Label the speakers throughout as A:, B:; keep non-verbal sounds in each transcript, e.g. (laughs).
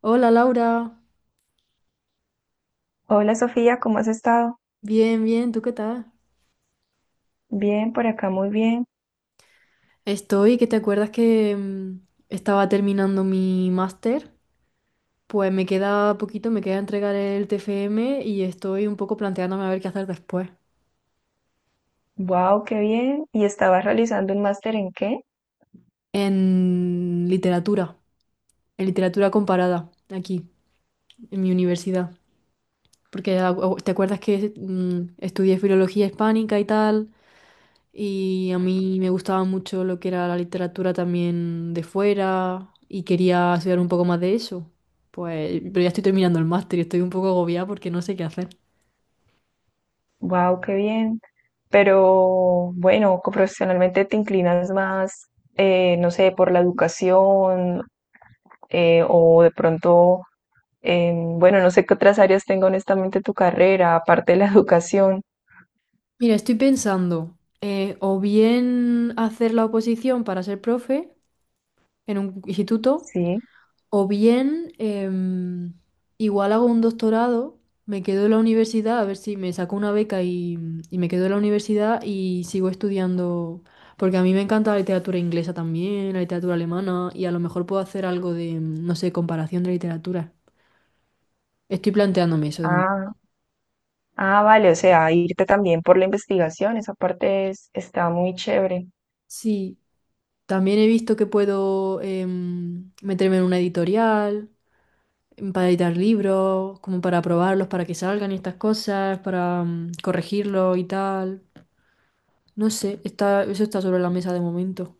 A: Hola Laura,
B: Hola Sofía, ¿cómo has estado?
A: bien, bien, ¿tú qué tal?
B: Bien, por acá muy bien.
A: Estoy, que te acuerdas que estaba terminando mi máster, pues me queda poquito, me queda entregar el TFM y estoy un poco planteándome a ver qué hacer después.
B: Wow, qué bien. ¿Y estabas realizando un máster en qué?
A: En literatura, en literatura comparada, aquí, en mi universidad. Porque te acuerdas que estudié filología hispánica y tal, y a mí me gustaba mucho lo que era la literatura también de fuera, y quería estudiar un poco más de eso. Pues, pero ya estoy terminando el máster y estoy un poco agobiada porque no sé qué hacer.
B: Wow, qué bien. Pero bueno, profesionalmente te inclinas más, no sé, por la educación, o de pronto, bueno, no sé qué otras áreas tenga honestamente tu carrera, aparte de la (laughs) educación.
A: Mira, estoy pensando, o bien hacer la oposición para ser profe en un instituto.
B: Sí.
A: O bien, igual hago un doctorado, me quedo en la universidad, a ver si me saco una beca y me quedo en la universidad y sigo estudiando, porque a mí me encanta la literatura inglesa también, la literatura alemana, y a lo mejor puedo hacer algo de, no sé, comparación de literatura. Estoy planteándome eso de momento.
B: Ah, ah, vale, o sea, irte también por la investigación, esa está muy chévere.
A: Sí, también he visto que puedo meterme en una editorial para editar libros, como para probarlos, para que salgan y estas cosas, para corregirlos y tal. No sé, está, eso está sobre la mesa de momento.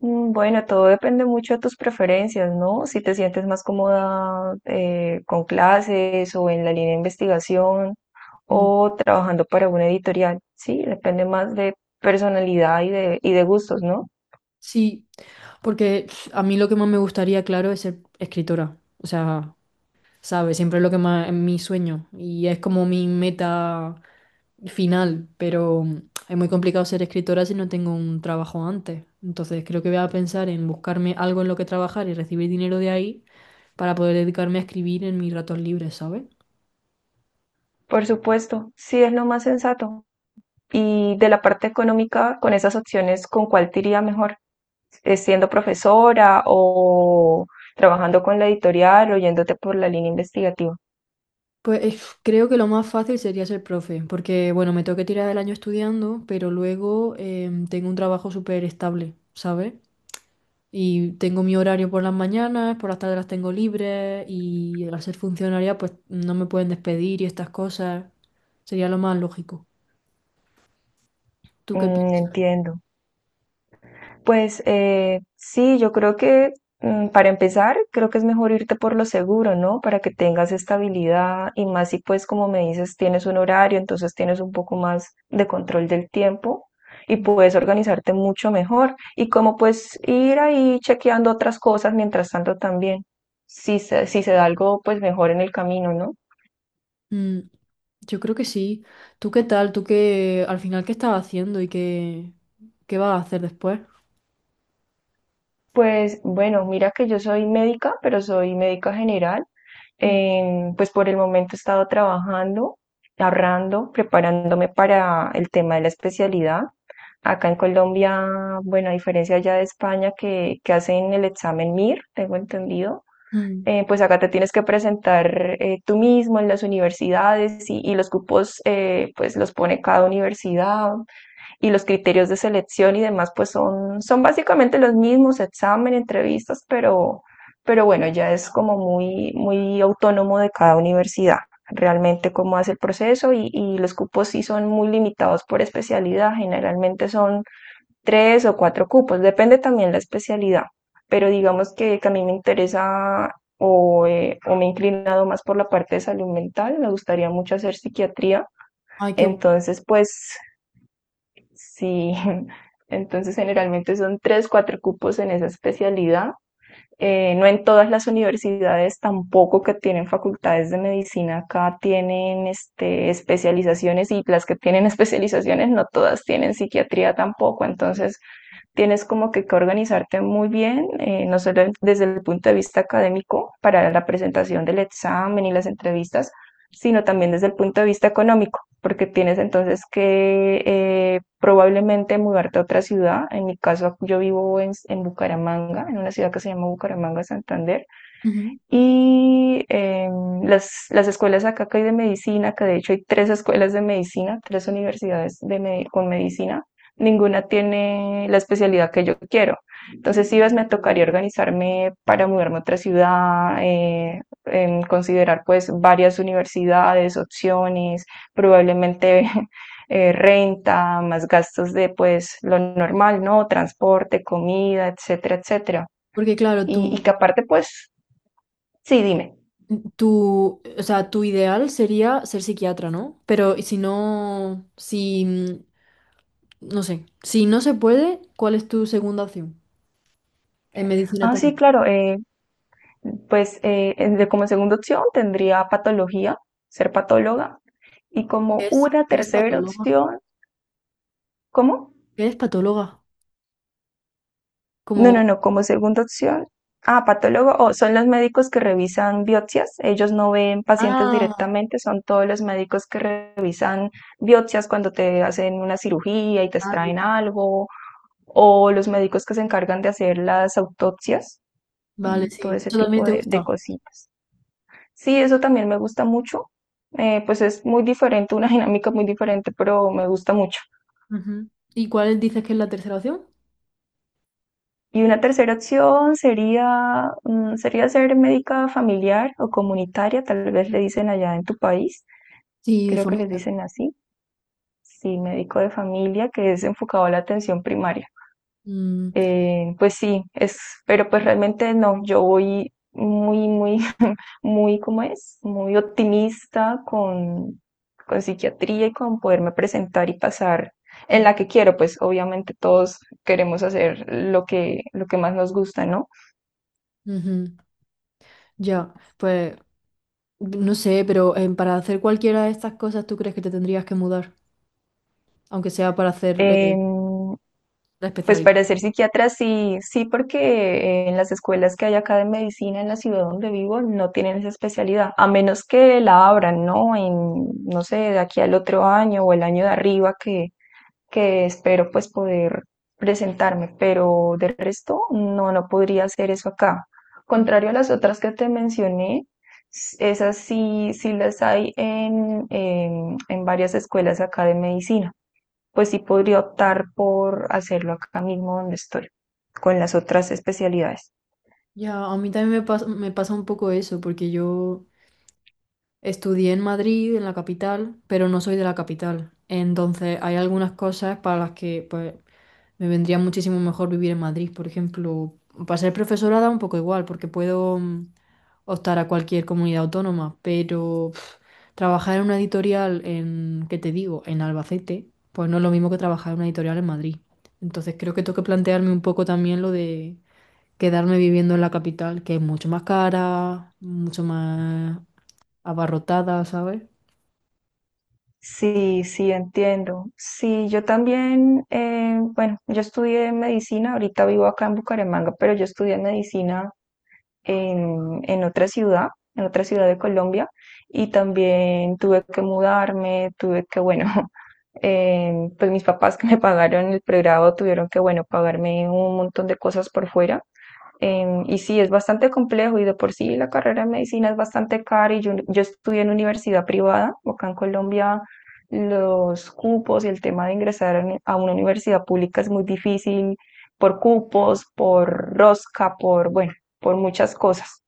B: Mm, bueno, todo depende mucho de tus preferencias, ¿no? Si te sientes más cómoda con clases o en la línea de investigación
A: Mm.
B: o trabajando para una editorial, sí, depende más de personalidad y de gustos, ¿no?
A: Sí, porque a mí lo que más me gustaría, claro, es ser escritora. O sea, ¿sabes? Siempre es lo que más es mi sueño y es como mi meta final, pero es muy complicado ser escritora si no tengo un trabajo antes. Entonces creo que voy a pensar en buscarme algo en lo que trabajar y recibir dinero de ahí para poder dedicarme a escribir en mis ratos libres, ¿sabes?
B: Por supuesto, sí es lo más sensato. Y de la parte económica, con esas opciones, ¿con cuál te iría mejor? ¿Siendo profesora o trabajando con la editorial o yéndote por la línea investigativa?
A: Pues creo que lo más fácil sería ser profe, porque bueno, me tengo que tirar el año estudiando, pero luego tengo un trabajo súper estable, ¿sabes? Y tengo mi horario por las mañanas, por las tardes las tengo libres y al ser funcionaria pues no me pueden despedir y estas cosas. Sería lo más lógico. ¿Tú qué
B: Mm,
A: piensas?
B: entiendo. Pues sí, yo creo que para empezar, creo que es mejor irte por lo seguro, ¿no? Para que tengas estabilidad y más si pues como me dices, tienes un horario, entonces tienes un poco más de control del tiempo y puedes organizarte mucho mejor. Y como pues ir ahí chequeando otras cosas mientras tanto también, si se da algo pues mejor en el camino, ¿no?
A: Mm, yo creo que sí. ¿Tú qué tal? ¿Tú qué al final qué estás haciendo y qué, qué vas a hacer después?
B: Pues bueno, mira que yo soy médica, pero soy médica general.
A: Mm.
B: Pues por el momento he estado trabajando, ahorrando, preparándome para el tema de la especialidad. Acá en Colombia, bueno, a diferencia ya de España que hacen el examen MIR, tengo entendido,
A: Mm.
B: pues acá te tienes que presentar tú mismo en las universidades y los cupos pues los pone cada universidad y los criterios de selección y demás, pues son básicamente los mismos, examen, entrevistas, pero bueno, ya es como muy autónomo de cada universidad, realmente cómo hace el proceso y los cupos sí son muy limitados por especialidad, generalmente son tres o cuatro cupos, depende también la especialidad, pero digamos que a mí me interesa o me he inclinado más por la parte de salud mental, me gustaría mucho hacer psiquiatría,
A: Ay, qué guay.
B: entonces pues sí, (laughs) entonces generalmente son tres, cuatro cupos en esa especialidad. No en todas las universidades tampoco que tienen facultades de medicina acá tienen este, especializaciones y las que tienen (laughs) especializaciones no todas tienen psiquiatría tampoco. Entonces tienes como que organizarte muy bien, no solo desde el punto de vista académico para la presentación del examen y las entrevistas, sino también desde el punto de vista económico, porque tienes entonces que probablemente mudarte a otra ciudad. En mi caso, yo vivo en Bucaramanga, en una ciudad que se llama Bucaramanga, Santander.
A: Ujú.
B: Y las escuelas acá que hay de medicina, que de hecho hay tres escuelas de medicina, tres universidades de con medicina, ninguna tiene la especialidad que yo quiero. Entonces, si ves, me tocaría organizarme para mudarme a otra ciudad, considerar pues varias universidades, opciones, probablemente (laughs) renta, más gastos de pues lo normal, ¿no? Transporte, comida, etcétera, etcétera.
A: Porque claro,
B: Y que
A: tú.
B: aparte pues, sí, dime.
A: Tu, o sea, tu ideal sería ser psiquiatra, ¿no? Pero y si no, si, no sé, si no se puede, ¿cuál es tu segunda opción? En medicina
B: Ah, sí,
A: también.
B: claro. Pues como segunda opción tendría patología, ser patóloga. Y como una
A: Es
B: tercera
A: patóloga.
B: opción, ¿cómo?
A: Es patóloga.
B: No, no,
A: Como,
B: no, como segunda opción. Ah, patólogo, o son los médicos que revisan biopsias. Ellos no ven pacientes
A: ah,
B: directamente, son todos los médicos que revisan biopsias cuando te hacen una cirugía y te
A: vale,
B: extraen algo, o los médicos que se encargan de hacer las autopsias,
A: vale,
B: mm, todo
A: sí,
B: ese
A: eso también
B: tipo
A: te
B: de
A: gusta.
B: cositas. Sí, eso también me gusta mucho. Pues es muy diferente, una dinámica muy diferente, pero me gusta mucho.
A: Ujú. ¿Y cuál dices que es la tercera opción?
B: Y una tercera opción sería, mm, sería ser médica familiar o comunitaria, tal vez le dicen allá en tu país,
A: Sí, de
B: creo que
A: forma.
B: les dicen así. Sí, médico de familia que es enfocado a la atención primaria.
A: Mm,
B: Pues sí, es, pero pues realmente no, yo voy muy (laughs) muy, ¿cómo es? Muy optimista con psiquiatría y con poderme presentar y pasar en la que quiero, pues obviamente todos queremos hacer lo que más nos gusta, ¿no?
A: ujú. Ya, pues, no sé, pero para hacer cualquiera de estas cosas, ¿tú crees que te tendrías que mudar? Aunque sea para hacer
B: Em,
A: la
B: pues
A: especialidad.
B: para ser psiquiatra sí, sí, porque en las escuelas que hay acá de medicina en la ciudad donde vivo no tienen esa especialidad, a menos que la abran, ¿no? En, no sé, de aquí al otro año o el año de arriba que espero pues poder presentarme, pero de resto no, no podría hacer eso acá. Contrario a las otras que te mencioné, esas sí, sí las hay en varias escuelas acá de medicina. Pues sí podría optar por hacerlo acá mismo donde estoy, con las otras especialidades.
A: Ya, a mí también me pasa un poco eso, porque yo estudié en Madrid, en la capital, pero no soy de la capital. Entonces, hay algunas cosas para las que pues, me vendría muchísimo mejor vivir en Madrid. Por ejemplo, para ser profesora da un poco igual, porque puedo optar a cualquier comunidad autónoma, pero trabajar en una editorial en, ¿qué te digo?, en Albacete, pues no es lo mismo que trabajar en una editorial en Madrid. Entonces, creo que tengo que plantearme un poco también lo de quedarme viviendo en la capital, que es mucho más cara, mucho más abarrotada, ¿sabes?
B: Sí, sí, entiendo. Sí, yo también, bueno, yo estudié medicina, ahorita vivo acá en Bucaramanga, pero yo estudié medicina en otra ciudad, en otra ciudad de Colombia, y también tuve que mudarme, tuve que, bueno, (laughs) pues mis papás que me pagaron el pregrado tuvieron que, bueno, pagarme un montón de cosas por fuera. Em, y sí, es bastante complejo y de por sí la carrera de medicina es bastante cara y yo estudié en universidad privada, acá en Colombia los cupos y el tema de ingresar a una universidad pública es muy difícil por cupos, por rosca, por, bueno, por muchas cosas.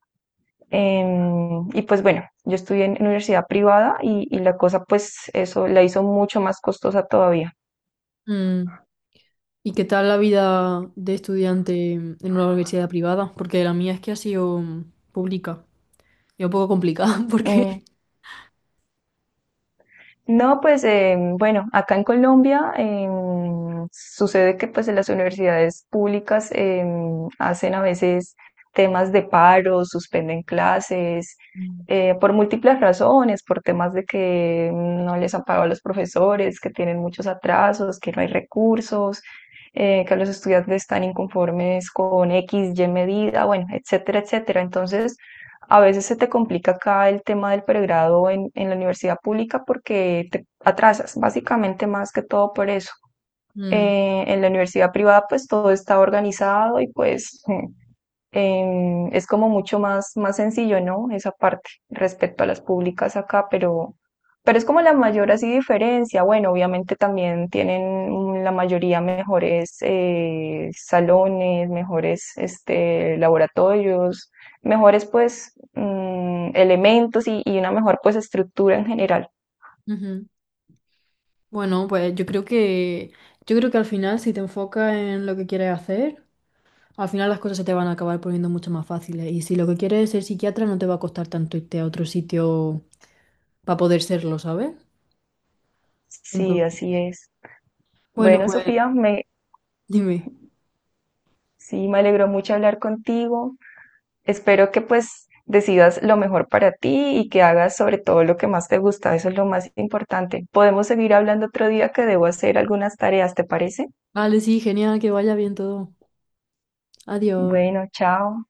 B: Em, y pues bueno, yo estudié en universidad privada y la cosa pues eso la hizo mucho más costosa todavía.
A: Mm. ¿Y qué tal la vida de estudiante en una universidad privada? Porque la mía es que ha sido pública y un poco complicada (laughs)
B: Mm,
A: porque...
B: no, pues bueno, acá en Colombia sucede que pues en las universidades públicas hacen a veces temas de paro, suspenden clases
A: Mm.
B: por múltiples razones, por temas de que no les han pagado a los profesores, que tienen muchos atrasos, que no hay recursos, que los estudiantes están inconformes con X, Y medida, bueno, etcétera, etcétera. Entonces, a veces se te complica acá el tema del pregrado en la universidad pública porque te atrasas, básicamente más que todo por eso.
A: Mm.
B: En la universidad privada pues todo está organizado y pues (laughs) em, es como mucho más sencillo, ¿no? Esa parte respecto a las públicas acá, pero es como la mayor así diferencia. Bueno, obviamente también tienen mm, la mayoría mejores salones, mejores este, laboratorios, mejores pues mm, elementos y una mejor pues estructura en general.
A: Ujú. Bueno, pues yo creo que al final si te enfocas en lo que quieres hacer, al final las cosas se te van a acabar poniendo mucho más fáciles. Y si lo que quieres es ser psiquiatra, no te va a costar tanto irte a otro sitio para poder serlo, ¿sabes?
B: Sí,
A: Entonces,
B: así es.
A: bueno,
B: Bueno,
A: pues
B: Sofía, me,
A: dime.
B: sí, me alegró mucho hablar contigo. Espero que pues decidas lo mejor para ti y que hagas sobre todo lo que más te gusta. Eso es lo más importante. Podemos seguir hablando otro día que debo hacer algunas tareas, ¿te parece?
A: Vale, sí, genial, que vaya bien todo. Adiós.
B: Bueno, chao.